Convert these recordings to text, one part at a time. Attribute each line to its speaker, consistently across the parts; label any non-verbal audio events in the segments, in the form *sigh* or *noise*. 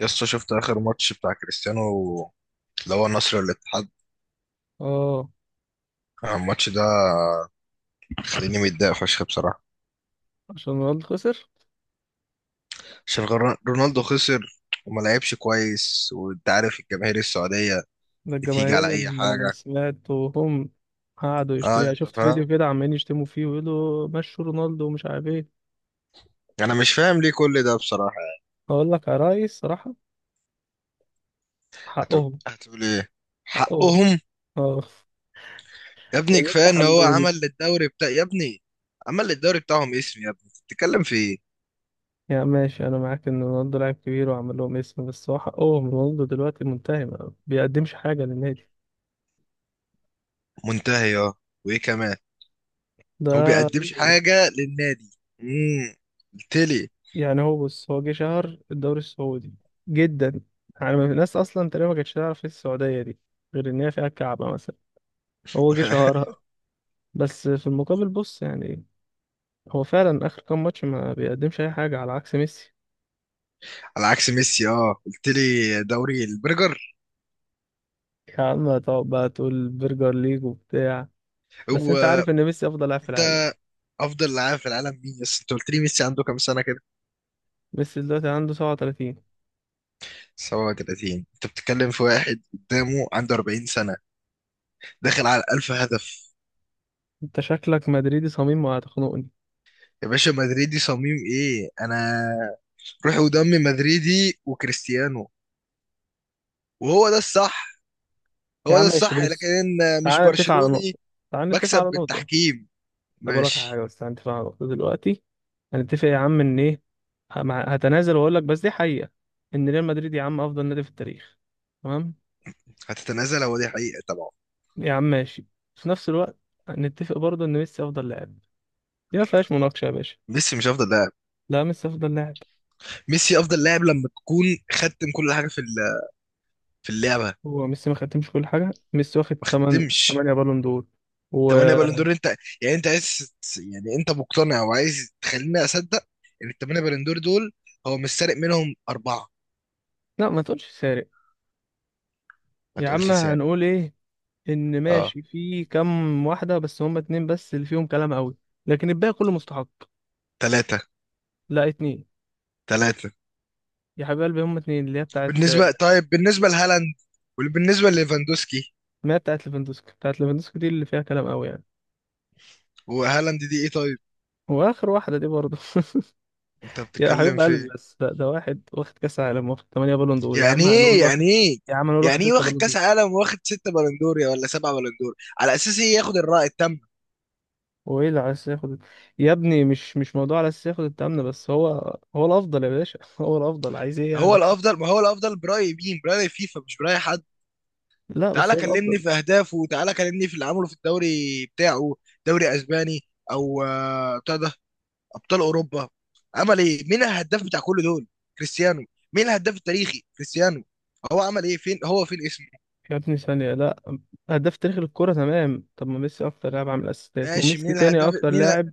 Speaker 1: يسطا شفت آخر ماتش بتاع كريستيانو اللي هو النصر والاتحاد.
Speaker 2: اه.
Speaker 1: الماتش ده خليني متضايق فشخ بصراحة.
Speaker 2: عشان رونالدو خسر.
Speaker 1: عشان رونالدو خسر وما لعبش كويس، وانت عارف الجماهير السعودية
Speaker 2: ده
Speaker 1: بتيجي
Speaker 2: الجماهير
Speaker 1: على أي
Speaker 2: اللي انا
Speaker 1: حاجة.
Speaker 2: سمعت وهم قعدوا
Speaker 1: اه،
Speaker 2: يشتموا.
Speaker 1: انت
Speaker 2: شفت فيديو
Speaker 1: فاهم.
Speaker 2: كده عمالين يشتموا فيه ويقولوا مشوا رونالدو ومش عارف ايه.
Speaker 1: انا مش فاهم ليه كل ده بصراحة يعني.
Speaker 2: اقول لك يا ريس صراحة،
Speaker 1: هتقول,
Speaker 2: حقهم.
Speaker 1: هتقول ايه؟
Speaker 2: حقهم.
Speaker 1: حقهم؟
Speaker 2: اه.
Speaker 1: يا ابني
Speaker 2: يعني انت
Speaker 1: كفاية ان هو
Speaker 2: حمدوني؟
Speaker 1: عمل للدوري بتاع، يا ابني عمل للدوري بتاعهم اسم، يا ابني بتتكلم في ايه؟
Speaker 2: يا ماشي انا معاك ان رونالدو لاعب كبير وعمل لهم اسم، بس هو حقهم. رونالدو دلوقتي منتهي، ما بيقدمش حاجة للنادي.
Speaker 1: منتهي اه، وايه كمان؟ هو
Speaker 2: ده.
Speaker 1: بيقدمش حاجة للنادي. امم تلي.
Speaker 2: يعني هو بص، هو جه شهر الدوري السعودي جدا. يعني الناس اصلا تقريبا ما كانتش تعرف ايه السعودية دي غير ان هي فيها الكعبة مثلا. هو جه
Speaker 1: *laughs*
Speaker 2: شهرها. بس في المقابل بص، يعني هو فعلا اخر كام ماتش ما بيقدمش اي حاجه على عكس ميسي.
Speaker 1: على عكس ميسي، اه قلت لي دوري البرجر.
Speaker 2: يا عم تقعد بقى تقول برجر ليج وبتاع. بس انت
Speaker 1: هو
Speaker 2: عارف ان ميسي افضل لاعب في
Speaker 1: انت،
Speaker 2: العالم.
Speaker 1: افضل لاعب في العالم مين بس؟ انت قلت لي ميسي عنده كام سنه كده؟
Speaker 2: ميسي دلوقتي عنده 37.
Speaker 1: 37؟ انت بتتكلم في واحد قدامه عنده 40 سنه، داخل على 1000 هدف.
Speaker 2: انت شكلك مدريدي صميم وهتخنقني.
Speaker 1: يا باشا مدريدي صميم ايه انا؟ روحي ودمي مدريدي وكريستيانو، وهو ده الصح،
Speaker 2: يا
Speaker 1: هو
Speaker 2: عم
Speaker 1: ده
Speaker 2: ماشي
Speaker 1: الصح. لكن
Speaker 2: بص.
Speaker 1: مش
Speaker 2: تعال نتفق على
Speaker 1: برشلوني
Speaker 2: نقطه. تعال نتفق على
Speaker 1: بكسب
Speaker 2: نقطه.
Speaker 1: بالتحكيم.
Speaker 2: طب اقول لك على
Speaker 1: ماشي.
Speaker 2: حاجه، بس تعال نتفق على نقطه دلوقتي. هنتفق يا عم ان ايه؟ هتنازل واقول لك بس دي حقيقه. ان ريال مدريد يا عم افضل نادي في التاريخ. تمام.
Speaker 1: هتتنازل؟ هو دي حقيقه طبعا.
Speaker 2: يا عم ماشي. في نفس الوقت نتفق برضه ان ميسي افضل لاعب. دي ما فيهاش مناقشه يا باشا.
Speaker 1: ميسي مش افضل لاعب.
Speaker 2: لا، ميسي افضل لاعب.
Speaker 1: ميسي افضل لاعب لما تكون ختم كل حاجه في اللعبه.
Speaker 2: هو ميسي ما خدتمش كل حاجه؟ ميسي واخد
Speaker 1: ما
Speaker 2: 8
Speaker 1: ختمش.
Speaker 2: 8 بالون دور. و.
Speaker 1: تمانية بالون دور انت؟ يعني انت عايز، يعني انت مقتنع وعايز تخليني اصدق ان التمانية بالون دور دول هو مش سارق منهم اربعة؟
Speaker 2: لا، ما تقولش سارق.
Speaker 1: ما
Speaker 2: يا عم
Speaker 1: تقولش سارق.
Speaker 2: هنقول ايه؟ ان
Speaker 1: اه،
Speaker 2: ماشي في كام واحده، بس هم اتنين بس اللي فيهم كلام قوي. لكن الباقي كله مستحق.
Speaker 1: ثلاثة،
Speaker 2: لا، اتنين.
Speaker 1: ثلاثة.
Speaker 2: يا حبيب قلبي هم اتنين اللي هي بتاعت.
Speaker 1: بالنسبة، طيب بالنسبة لهالاند وبالنسبة لليفاندوسكي.
Speaker 2: ما هي بتاعت ليفاندوسكي. دي اللي فيها كلام قوي يعني.
Speaker 1: وهالاند دي ايه طيب؟
Speaker 2: واخر واحده دي برضه. *laughs*
Speaker 1: انت
Speaker 2: يا
Speaker 1: بتتكلم
Speaker 2: حبيب
Speaker 1: في
Speaker 2: قلبي،
Speaker 1: ايه؟
Speaker 2: بس ده واحد واخد كاس عالم واخد 8 بالون دور، يا
Speaker 1: يعني
Speaker 2: عم هنقول
Speaker 1: ايه،
Speaker 2: واخد.
Speaker 1: يعني ايه؟
Speaker 2: يا عم هنقول واخد 6
Speaker 1: واخد
Speaker 2: بالون
Speaker 1: كاس
Speaker 2: دور.
Speaker 1: عالم واخد ستة بالون دور يا ولا سبعة بالون دور على اساس ايه ياخد الرأي التام؟
Speaker 2: هو ايه اللي على اساس ياخد؟ يا ابني مش موضوع على اساس ياخد التامن، بس هو الافضل يا باشا. *laughs* هو الافضل، عايز ايه
Speaker 1: هو
Speaker 2: يعني؟
Speaker 1: الافضل، ما هو الافضل برأي مين؟ برأي فيفا؟ مش برأي حد.
Speaker 2: لا بس
Speaker 1: تعالى
Speaker 2: هو الافضل.
Speaker 1: كلمني في اهدافه، تعالى كلمني في اللي عمله في الدوري بتاعه، دوري اسباني او بتاع ده، ابطال اوروبا. عمل ايه؟ مين الهداف بتاع كل دول؟ كريستيانو. مين الهداف التاريخي؟ كريستيانو. هو عمل ايه؟ فين هو؟ فين اسمه؟
Speaker 2: يا ابني ثانيه، لا. هداف تاريخ الكوره تمام، طب ما ميسي اكتر لاعب عامل اسيستات،
Speaker 1: ماشي،
Speaker 2: وميسي
Speaker 1: مين
Speaker 2: تاني
Speaker 1: الهداف؟
Speaker 2: اكتر لاعب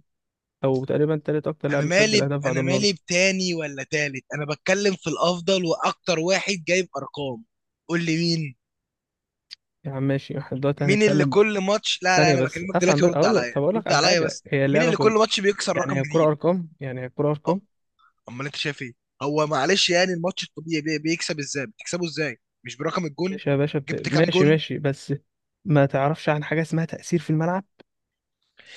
Speaker 2: او تقريبا تالت اكتر لاعب مسجل اهداف بعد
Speaker 1: انا مالي
Speaker 2: رونالدو.
Speaker 1: بتاني ولا تالت، انا بتكلم في الافضل واكتر واحد جايب ارقام. قول لي مين.
Speaker 2: يا عم ماشي. *laughs* احنا دلوقتي
Speaker 1: مين اللي
Speaker 2: هنتكلم بقى.
Speaker 1: كل ماتش، لا لا،
Speaker 2: ثانيه
Speaker 1: انا
Speaker 2: بس
Speaker 1: بكلمك
Speaker 2: افهم،
Speaker 1: دلوقتي،
Speaker 2: بس
Speaker 1: ورد
Speaker 2: اقول لك.
Speaker 1: عليا،
Speaker 2: طب اقول لك
Speaker 1: رد
Speaker 2: على
Speaker 1: عليا
Speaker 2: حاجه،
Speaker 1: بس.
Speaker 2: هي
Speaker 1: مين
Speaker 2: اللعبه
Speaker 1: اللي كل
Speaker 2: كل.
Speaker 1: ماتش بيكسر
Speaker 2: يعني
Speaker 1: رقم
Speaker 2: هي الكوره
Speaker 1: جديد؟
Speaker 2: ارقام.
Speaker 1: امال انت شايف ايه؟ هو معلش، يعني الماتش الطبيعي بيكسب ازاي؟ بتكسبه ازاي؟ مش برقم الجون؟
Speaker 2: ماشي يا باشا
Speaker 1: جبت كام
Speaker 2: ماشي
Speaker 1: جون؟
Speaker 2: ماشي بس. ما تعرفش عن حاجة اسمها تأثير في الملعب.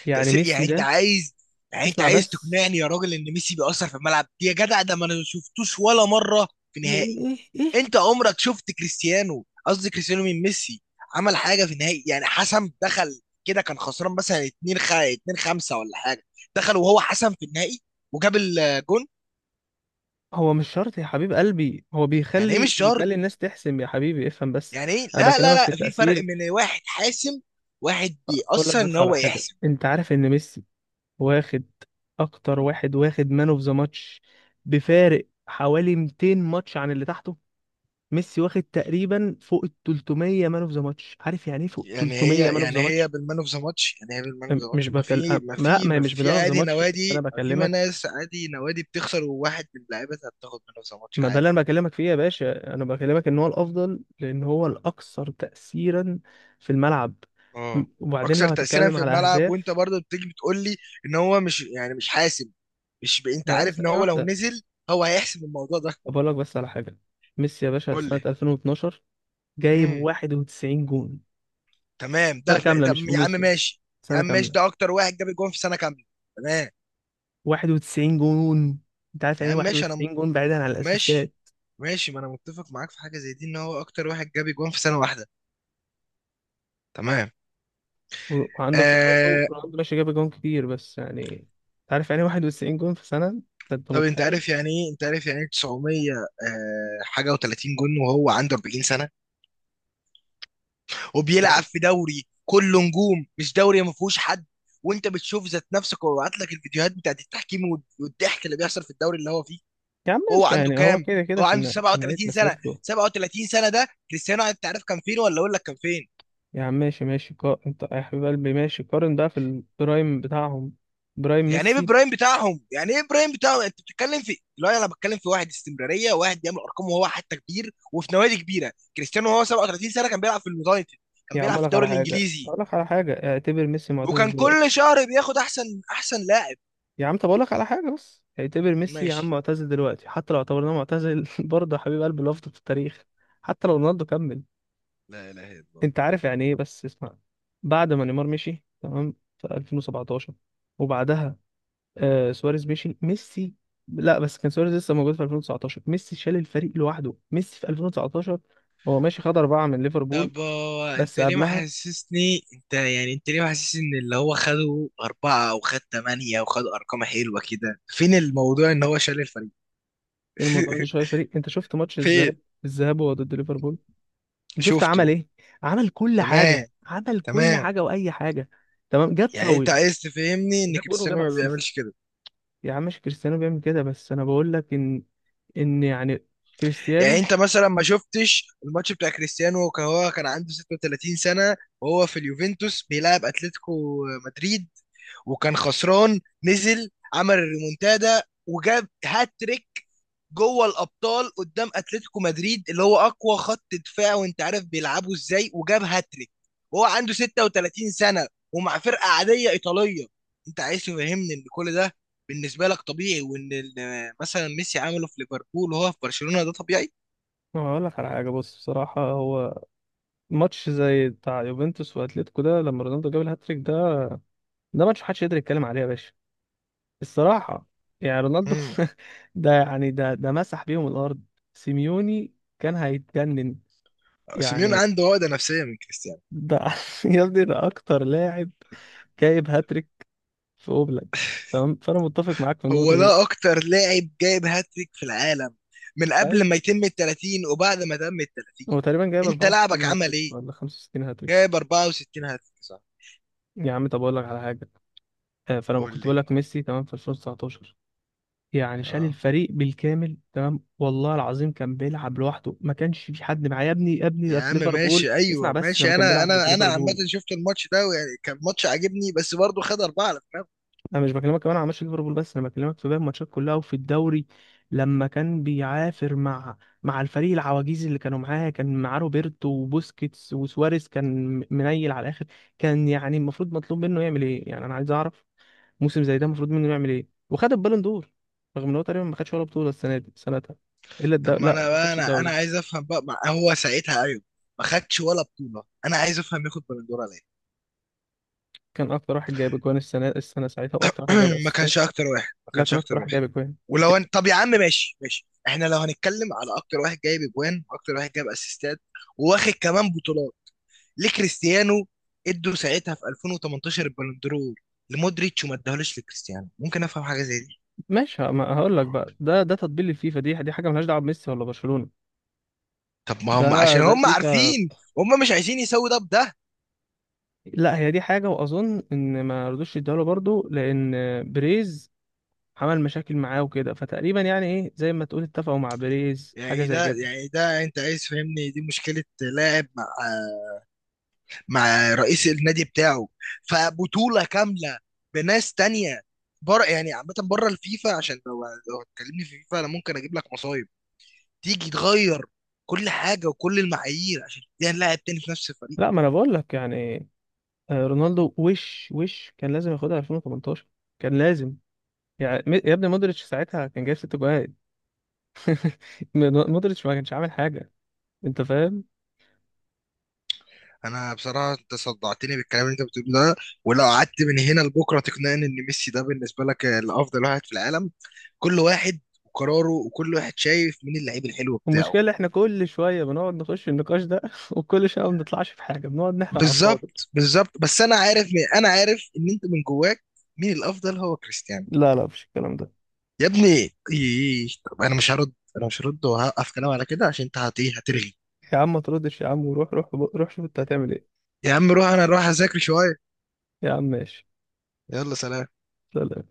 Speaker 2: يعني
Speaker 1: تأثير؟ يعني
Speaker 2: ميسي
Speaker 1: انت
Speaker 2: ده.
Speaker 1: عايز، يعني انت
Speaker 2: اسمع
Speaker 1: عايز
Speaker 2: بس.
Speaker 1: تقنعني يا راجل ان ميسي بيأثر في الملعب؟ يا جدع ده ما انا شفتوش ولا مرة في
Speaker 2: ايه
Speaker 1: نهائي.
Speaker 2: ايه ايه إيه؟
Speaker 1: انت عمرك شفت كريستيانو، قصدي كريستيانو من ميسي، عمل حاجة في نهائي؟ يعني حسم، دخل كده كان خسران مثلا 2 2 5 ولا حاجة، دخل وهو حسم في النهائي وجاب الجون.
Speaker 2: هو مش شرط يا حبيب قلبي، هو
Speaker 1: يعني ايه مش شرط؟
Speaker 2: بيخلي الناس تحسم، يا حبيبي افهم بس.
Speaker 1: يعني ايه؟
Speaker 2: انا
Speaker 1: لا لا
Speaker 2: بكلمك في
Speaker 1: لا، في فرق
Speaker 2: التأثير.
Speaker 1: من واحد حاسم، واحد
Speaker 2: اقول لك
Speaker 1: بيأثر ان
Speaker 2: بس على
Speaker 1: هو
Speaker 2: حاجة،
Speaker 1: يحسم.
Speaker 2: انت عارف ان ميسي واخد اكتر واحد واخد مان اوف ذا ماتش بفارق حوالي 200 ماتش عن اللي تحته. ميسي واخد تقريبا فوق ال 300 مان اوف ذا ماتش. عارف يعني ايه فوق
Speaker 1: يعني
Speaker 2: 300
Speaker 1: هي
Speaker 2: مان اوف
Speaker 1: يعني
Speaker 2: ذا
Speaker 1: هي
Speaker 2: ماتش؟
Speaker 1: بالمان اوف ذا ماتش، يعني هي بالمان اوف ذا
Speaker 2: مش
Speaker 1: ماتش؟ ما
Speaker 2: بكل.
Speaker 1: في ما
Speaker 2: لا،
Speaker 1: في
Speaker 2: ما هي
Speaker 1: ما
Speaker 2: مش
Speaker 1: في
Speaker 2: بلان اوف ذا
Speaker 1: عادي
Speaker 2: ماتش، بس انا
Speaker 1: نوادي، ما في
Speaker 2: بكلمك.
Speaker 1: ناس عادي نوادي بتخسر وواحد من لعيبتها بتاخد مان اوف ذا ماتش
Speaker 2: ما ده اللي
Speaker 1: عادي.
Speaker 2: انا بكلمك فيه يا باشا. انا بكلمك ان هو الافضل لان هو الاكثر تاثيرا في الملعب.
Speaker 1: اه،
Speaker 2: وبعدين
Speaker 1: اكثر
Speaker 2: لو
Speaker 1: تأثيرا
Speaker 2: هتتكلم
Speaker 1: في
Speaker 2: على
Speaker 1: الملعب وانت
Speaker 2: اهداف.
Speaker 1: برضه بتيجي بتقول لي ان هو مش يعني مش حاسم، مش ب... انت
Speaker 2: يا عم
Speaker 1: عارف ان
Speaker 2: ثانيه
Speaker 1: هو لو
Speaker 2: واحده.
Speaker 1: نزل هو هيحسم الموضوع ده.
Speaker 2: بقول لك بس على حاجه. ميسي يا باشا
Speaker 1: قول
Speaker 2: سنه
Speaker 1: لي.
Speaker 2: 2012 جايب
Speaker 1: امم،
Speaker 2: 91 جون.
Speaker 1: تمام
Speaker 2: سنه
Speaker 1: ده.
Speaker 2: كامله،
Speaker 1: ده
Speaker 2: مش في
Speaker 1: يا عم
Speaker 2: موسم،
Speaker 1: ماشي. يا
Speaker 2: سنه
Speaker 1: عم ماشي،
Speaker 2: كامله.
Speaker 1: ده اكتر واحد جاب جون في سنة كاملة، تمام.
Speaker 2: 91 جون. انت عارف
Speaker 1: يا
Speaker 2: يعني إيه
Speaker 1: عم ماشي،
Speaker 2: 91 جون بعيدا عن
Speaker 1: ماشي
Speaker 2: الاسيستات؟
Speaker 1: ماشي ما انا متفق معاك في حاجه زي دي، ان هو اكتر واحد جاب جوان في سنه واحده، تمام.
Speaker 2: وعندك رونالدو.
Speaker 1: آه...
Speaker 2: ماشي جاب جون كتير بس يعني. انت عارف يعني 91 جون في سنة؟ أنت
Speaker 1: طب انت
Speaker 2: متخيل؟
Speaker 1: عارف يعني ايه، انت عارف يعني ايه 900 حاجه و30 جون، وهو عنده 40 سنه، وبيلعب
Speaker 2: برضه.
Speaker 1: في دوري كله نجوم، مش دوري ما فيهوش حد، وانت بتشوف ذات نفسك وببعت لك الفيديوهات بتاعت التحكيم والضحك اللي بيحصل في الدوري اللي هو فيه.
Speaker 2: يا عم
Speaker 1: وهو
Speaker 2: ماشي،
Speaker 1: عنده
Speaker 2: يعني هو
Speaker 1: كام؟
Speaker 2: كده كده
Speaker 1: هو
Speaker 2: في
Speaker 1: عنده
Speaker 2: في نهاية
Speaker 1: 37 سنه.
Speaker 2: مسيرته.
Speaker 1: 37 سنه ده كريستيانو، انت عارف كان فين؟ ولا اقول لك كان فين؟
Speaker 2: يا عم ماشي ماشي انت يا حبيب قلبي ماشي، قارن بقى في البرايم بتاعهم. برايم
Speaker 1: يعني ايه
Speaker 2: ميسي.
Speaker 1: برايم بتاعهم؟ يعني ايه برايم بتاعهم؟ انت بتتكلم في، لا انا بتكلم في واحد استمراريه، واحد بيعمل ارقام وهو حتى كبير وفي نوادي كبيره. كريستيانو وهو 37 سنه كان بيلعب في اليونايتد، كان
Speaker 2: يا عم
Speaker 1: بيلعب
Speaker 2: اقول
Speaker 1: في
Speaker 2: لك
Speaker 1: الدوري
Speaker 2: على حاجة.
Speaker 1: الانجليزي،
Speaker 2: اعتبر ميسي معتزل
Speaker 1: وكان كل
Speaker 2: دلوقتي.
Speaker 1: شهر بياخد احسن لاعب.
Speaker 2: يا عم طب اقول لك على حاجة، بس اعتبر ميسي يا عم
Speaker 1: ماشي،
Speaker 2: معتزل دلوقتي. حتى لو اعتبرناه معتزل، *laughs* برضه يا حبيب قلبي لفظ في التاريخ. حتى لو رونالدو كمل.
Speaker 1: لا اله الا الله.
Speaker 2: انت عارف يعني ايه، بس اسمع. بعد ما نيمار مشي تمام في 2017 وبعدها سواريز مشي ميسي. لا بس كان سواريز لسه موجود في 2019. ميسي شال الفريق لوحده. ميسي في 2019 هو ماشي خد أربعة من ليفربول،
Speaker 1: طب هو انت
Speaker 2: بس
Speaker 1: ليه ما
Speaker 2: قبلها
Speaker 1: حسسني، انت يعني انت ليه ما حسسني ان اللي هو خده أربعة او خد تمانية او خد ارقام حلوة كده؟ فين الموضوع ان هو شال الفريق؟
Speaker 2: الموضوع ده
Speaker 1: *laughs*
Speaker 2: شوية فريق. انت شفت ماتش الذهاب.
Speaker 1: فين؟
Speaker 2: الذهاب هو ضد ليفربول. انت شفت عمل
Speaker 1: شفته.
Speaker 2: ايه؟ عمل كل حاجة.
Speaker 1: تمام،
Speaker 2: عمل كل
Speaker 1: تمام.
Speaker 2: حاجة وأي حاجة. تمام. جاب
Speaker 1: يعني انت
Speaker 2: فاول
Speaker 1: عايز تفهمني ان
Speaker 2: وجاب جول
Speaker 1: كريستيانو
Speaker 2: وجاب
Speaker 1: ما
Speaker 2: اسيست.
Speaker 1: بيعملش كده؟
Speaker 2: يا عم ماشي، كريستيانو بيعمل كده، بس انا بقول لك ان يعني
Speaker 1: يعني
Speaker 2: كريستيانو.
Speaker 1: انت مثلا ما شفتش الماتش بتاع كريستيانو، كان هو كان عنده 36 سنة وهو في اليوفنتوس بيلعب اتلتيكو مدريد، وكان خسران، نزل عمل الريمونتادا وجاب هاتريك جوه الابطال قدام اتلتيكو مدريد اللي هو اقوى خط دفاع، وانت عارف بيلعبوا ازاي، وجاب هاتريك وهو عنده 36 سنة، ومع فرقة عادية ايطالية. انت عايز تفهمني ان كل ده بالنسبة لك طبيعي، وان مثلا ميسي عمله في ليفربول وهو في برشلونة ده طبيعي؟
Speaker 2: هقول لك على حاجه بص، بصراحه هو. ماتش زي بتاع يوفنتوس واتليتيكو ده لما رونالدو جاب الهاتريك ده، ده ماتش محدش يقدر يتكلم عليه يا باشا، الصراحه. يعني رونالدو.
Speaker 1: امم.
Speaker 2: *laughs* ده، يعني ده مسح بيهم الارض. سيميوني كان هيتجنن.
Speaker 1: سيميون
Speaker 2: يعني
Speaker 1: عنده عقدة نفسية من كريستيانو.
Speaker 2: ده. *laughs* يا ابني ده اكتر لاعب جايب هاتريك في اوبلاك، تمام، فانا متفق معاك في
Speaker 1: هو
Speaker 2: النقطه دي.
Speaker 1: ده أكتر لاعب جايب هاتريك في العالم، من
Speaker 2: ايوه.
Speaker 1: قبل ما يتم ال 30 وبعد ما تم ال 30.
Speaker 2: هو تقريبا جايب
Speaker 1: أنت لعبك
Speaker 2: 64
Speaker 1: عمل
Speaker 2: هاتريك
Speaker 1: إيه؟
Speaker 2: ولا 65 هاتريك.
Speaker 1: جايب 64 هاتريك صح.
Speaker 2: يا عم طب اقول لك على حاجه. فانا
Speaker 1: قول
Speaker 2: كنت
Speaker 1: لي.
Speaker 2: بقول لك ميسي تمام في 2019 يعني شال
Speaker 1: اه،
Speaker 2: الفريق بالكامل، تمام، والله العظيم كان بيلعب لوحده. ما كانش في حد معاه يا ابني. يا ابني ده
Speaker 1: يا
Speaker 2: في
Speaker 1: عم
Speaker 2: ليفربول.
Speaker 1: ماشي،
Speaker 2: اسمع
Speaker 1: أيوه
Speaker 2: بس، لما
Speaker 1: ماشي،
Speaker 2: كان
Speaker 1: أنا
Speaker 2: بيلعب ضد
Speaker 1: أنا أنا عامة
Speaker 2: ليفربول.
Speaker 1: شفت الماتش ده ويعني كان ماتش عاجبني، بس برضه خد أربعة على دماغه.
Speaker 2: انا مش بكلمك كمان على ماتش ليفربول، بس انا بكلمك في باقي الماتشات كلها وفي الدوري. لما كان بيعافر مع الفريق العواجيز اللي كانوا معاه. كان معاه روبرتو وبوسكيتس وسواريز. كان منيل على الاخر. كان يعني المفروض مطلوب منه يعمل ايه يعني؟ انا عايز اعرف، موسم زي ده المفروض منه يعمل ايه وخد البالون دور؟ رغم ان هو تقريبا ما خدش ولا بطوله السنه دي سنتها الا
Speaker 1: طب ما
Speaker 2: لا،
Speaker 1: أنا
Speaker 2: ما
Speaker 1: بقى،
Speaker 2: خدش
Speaker 1: أنا
Speaker 2: الدوري.
Speaker 1: عايز أفهم بقى، ما هو ساعتها، أيوه ما خدش ولا بطولة، أنا عايز أفهم ياخد بلندورة ليه.
Speaker 2: كان اكتر واحد جايب اجوان السنه ساعتها واكتر واحد جايب
Speaker 1: *clears throat*
Speaker 2: اسيستات.
Speaker 1: ما
Speaker 2: لا،
Speaker 1: كانش
Speaker 2: كان اكتر
Speaker 1: أكتر
Speaker 2: واحد
Speaker 1: واحد.
Speaker 2: جايب اجوان.
Speaker 1: ولو انت، طب يا عم ماشي، ماشي، احنا لو هنتكلم على اكتر واحد جايب اجوان واكتر واحد جايب اسيستات وواخد كمان بطولات، ليه كريستيانو ادوا ساعتها في 2018 البالندور لمودريتش وما اداهولوش لكريستيانو؟ ممكن افهم حاجه زي دي؟
Speaker 2: ماشي، ما هقول لك بقى، ده تطبيل الفيفا. دي حاجه ملهاش دعوه بميسي ولا برشلونه.
Speaker 1: طب ما
Speaker 2: ده
Speaker 1: هم عشان هم
Speaker 2: الفيفا.
Speaker 1: عارفين، هم مش عايزين يسووا ده بده.
Speaker 2: لا، هي دي حاجه، واظن ان ما رضوش يديها له برضه، لان بريز عمل مشاكل معاه وكده، فتقريبا يعني ايه زي ما تقول اتفقوا مع بريز، حاجه
Speaker 1: يعني
Speaker 2: زي
Speaker 1: ده،
Speaker 2: كده.
Speaker 1: يعني ده انت عايز فهمني دي مشكله لاعب مع مع رئيس النادي بتاعه، فبطولة كاملة بناس تانية بره؟ يعني عامة بره الفيفا، عشان لو، لو هتكلمني في فيفا انا ممكن اجيب لك مصايب، تيجي تغير كل حاجة وكل المعايير عشان تديها لاعب تاني في نفس الفريق.
Speaker 2: لا، ما انا بقول لك يعني. رونالدو وش كان لازم ياخدها 2018، كان لازم. يعني يا ابني مودريتش ساعتها كان جايب 6 جوان. *laughs* مودريتش ما كانش عامل حاجه، انت فاهم؟
Speaker 1: انا بصراحة انت صدعتني بالكلام اللي انت بتقوله ده، ولو قعدت من هنا لبكرة تقنعني ان ميسي ده بالنسبة لك الافضل واحد في العالم. كل واحد وقراره، وكل واحد شايف مين اللعيب الحلو بتاعه.
Speaker 2: المشكله احنا كل شويه بنقعد نخش النقاش ده، *laughs* وكل شويه ما بنطلعش في حاجه، بنقعد نحرق على الفاضي.
Speaker 1: بالظبط بالظبط، بس انا عارف، انا عارف ان انت من جواك مين الافضل، هو كريستيانو.
Speaker 2: لا لا، مفيش الكلام ده.
Speaker 1: يا ابني طب انا مش هرد، وهوقف كلام على كده عشان انت هت- إيه، هترغي.
Speaker 2: يا عم ما تردش، يا عم وروح روح روح شوف انت هتعمل ايه.
Speaker 1: يا عم روح، انا اروح اذاكر شويه.
Speaker 2: يا عم ماشي.
Speaker 1: يلا سلام.
Speaker 2: لا لا.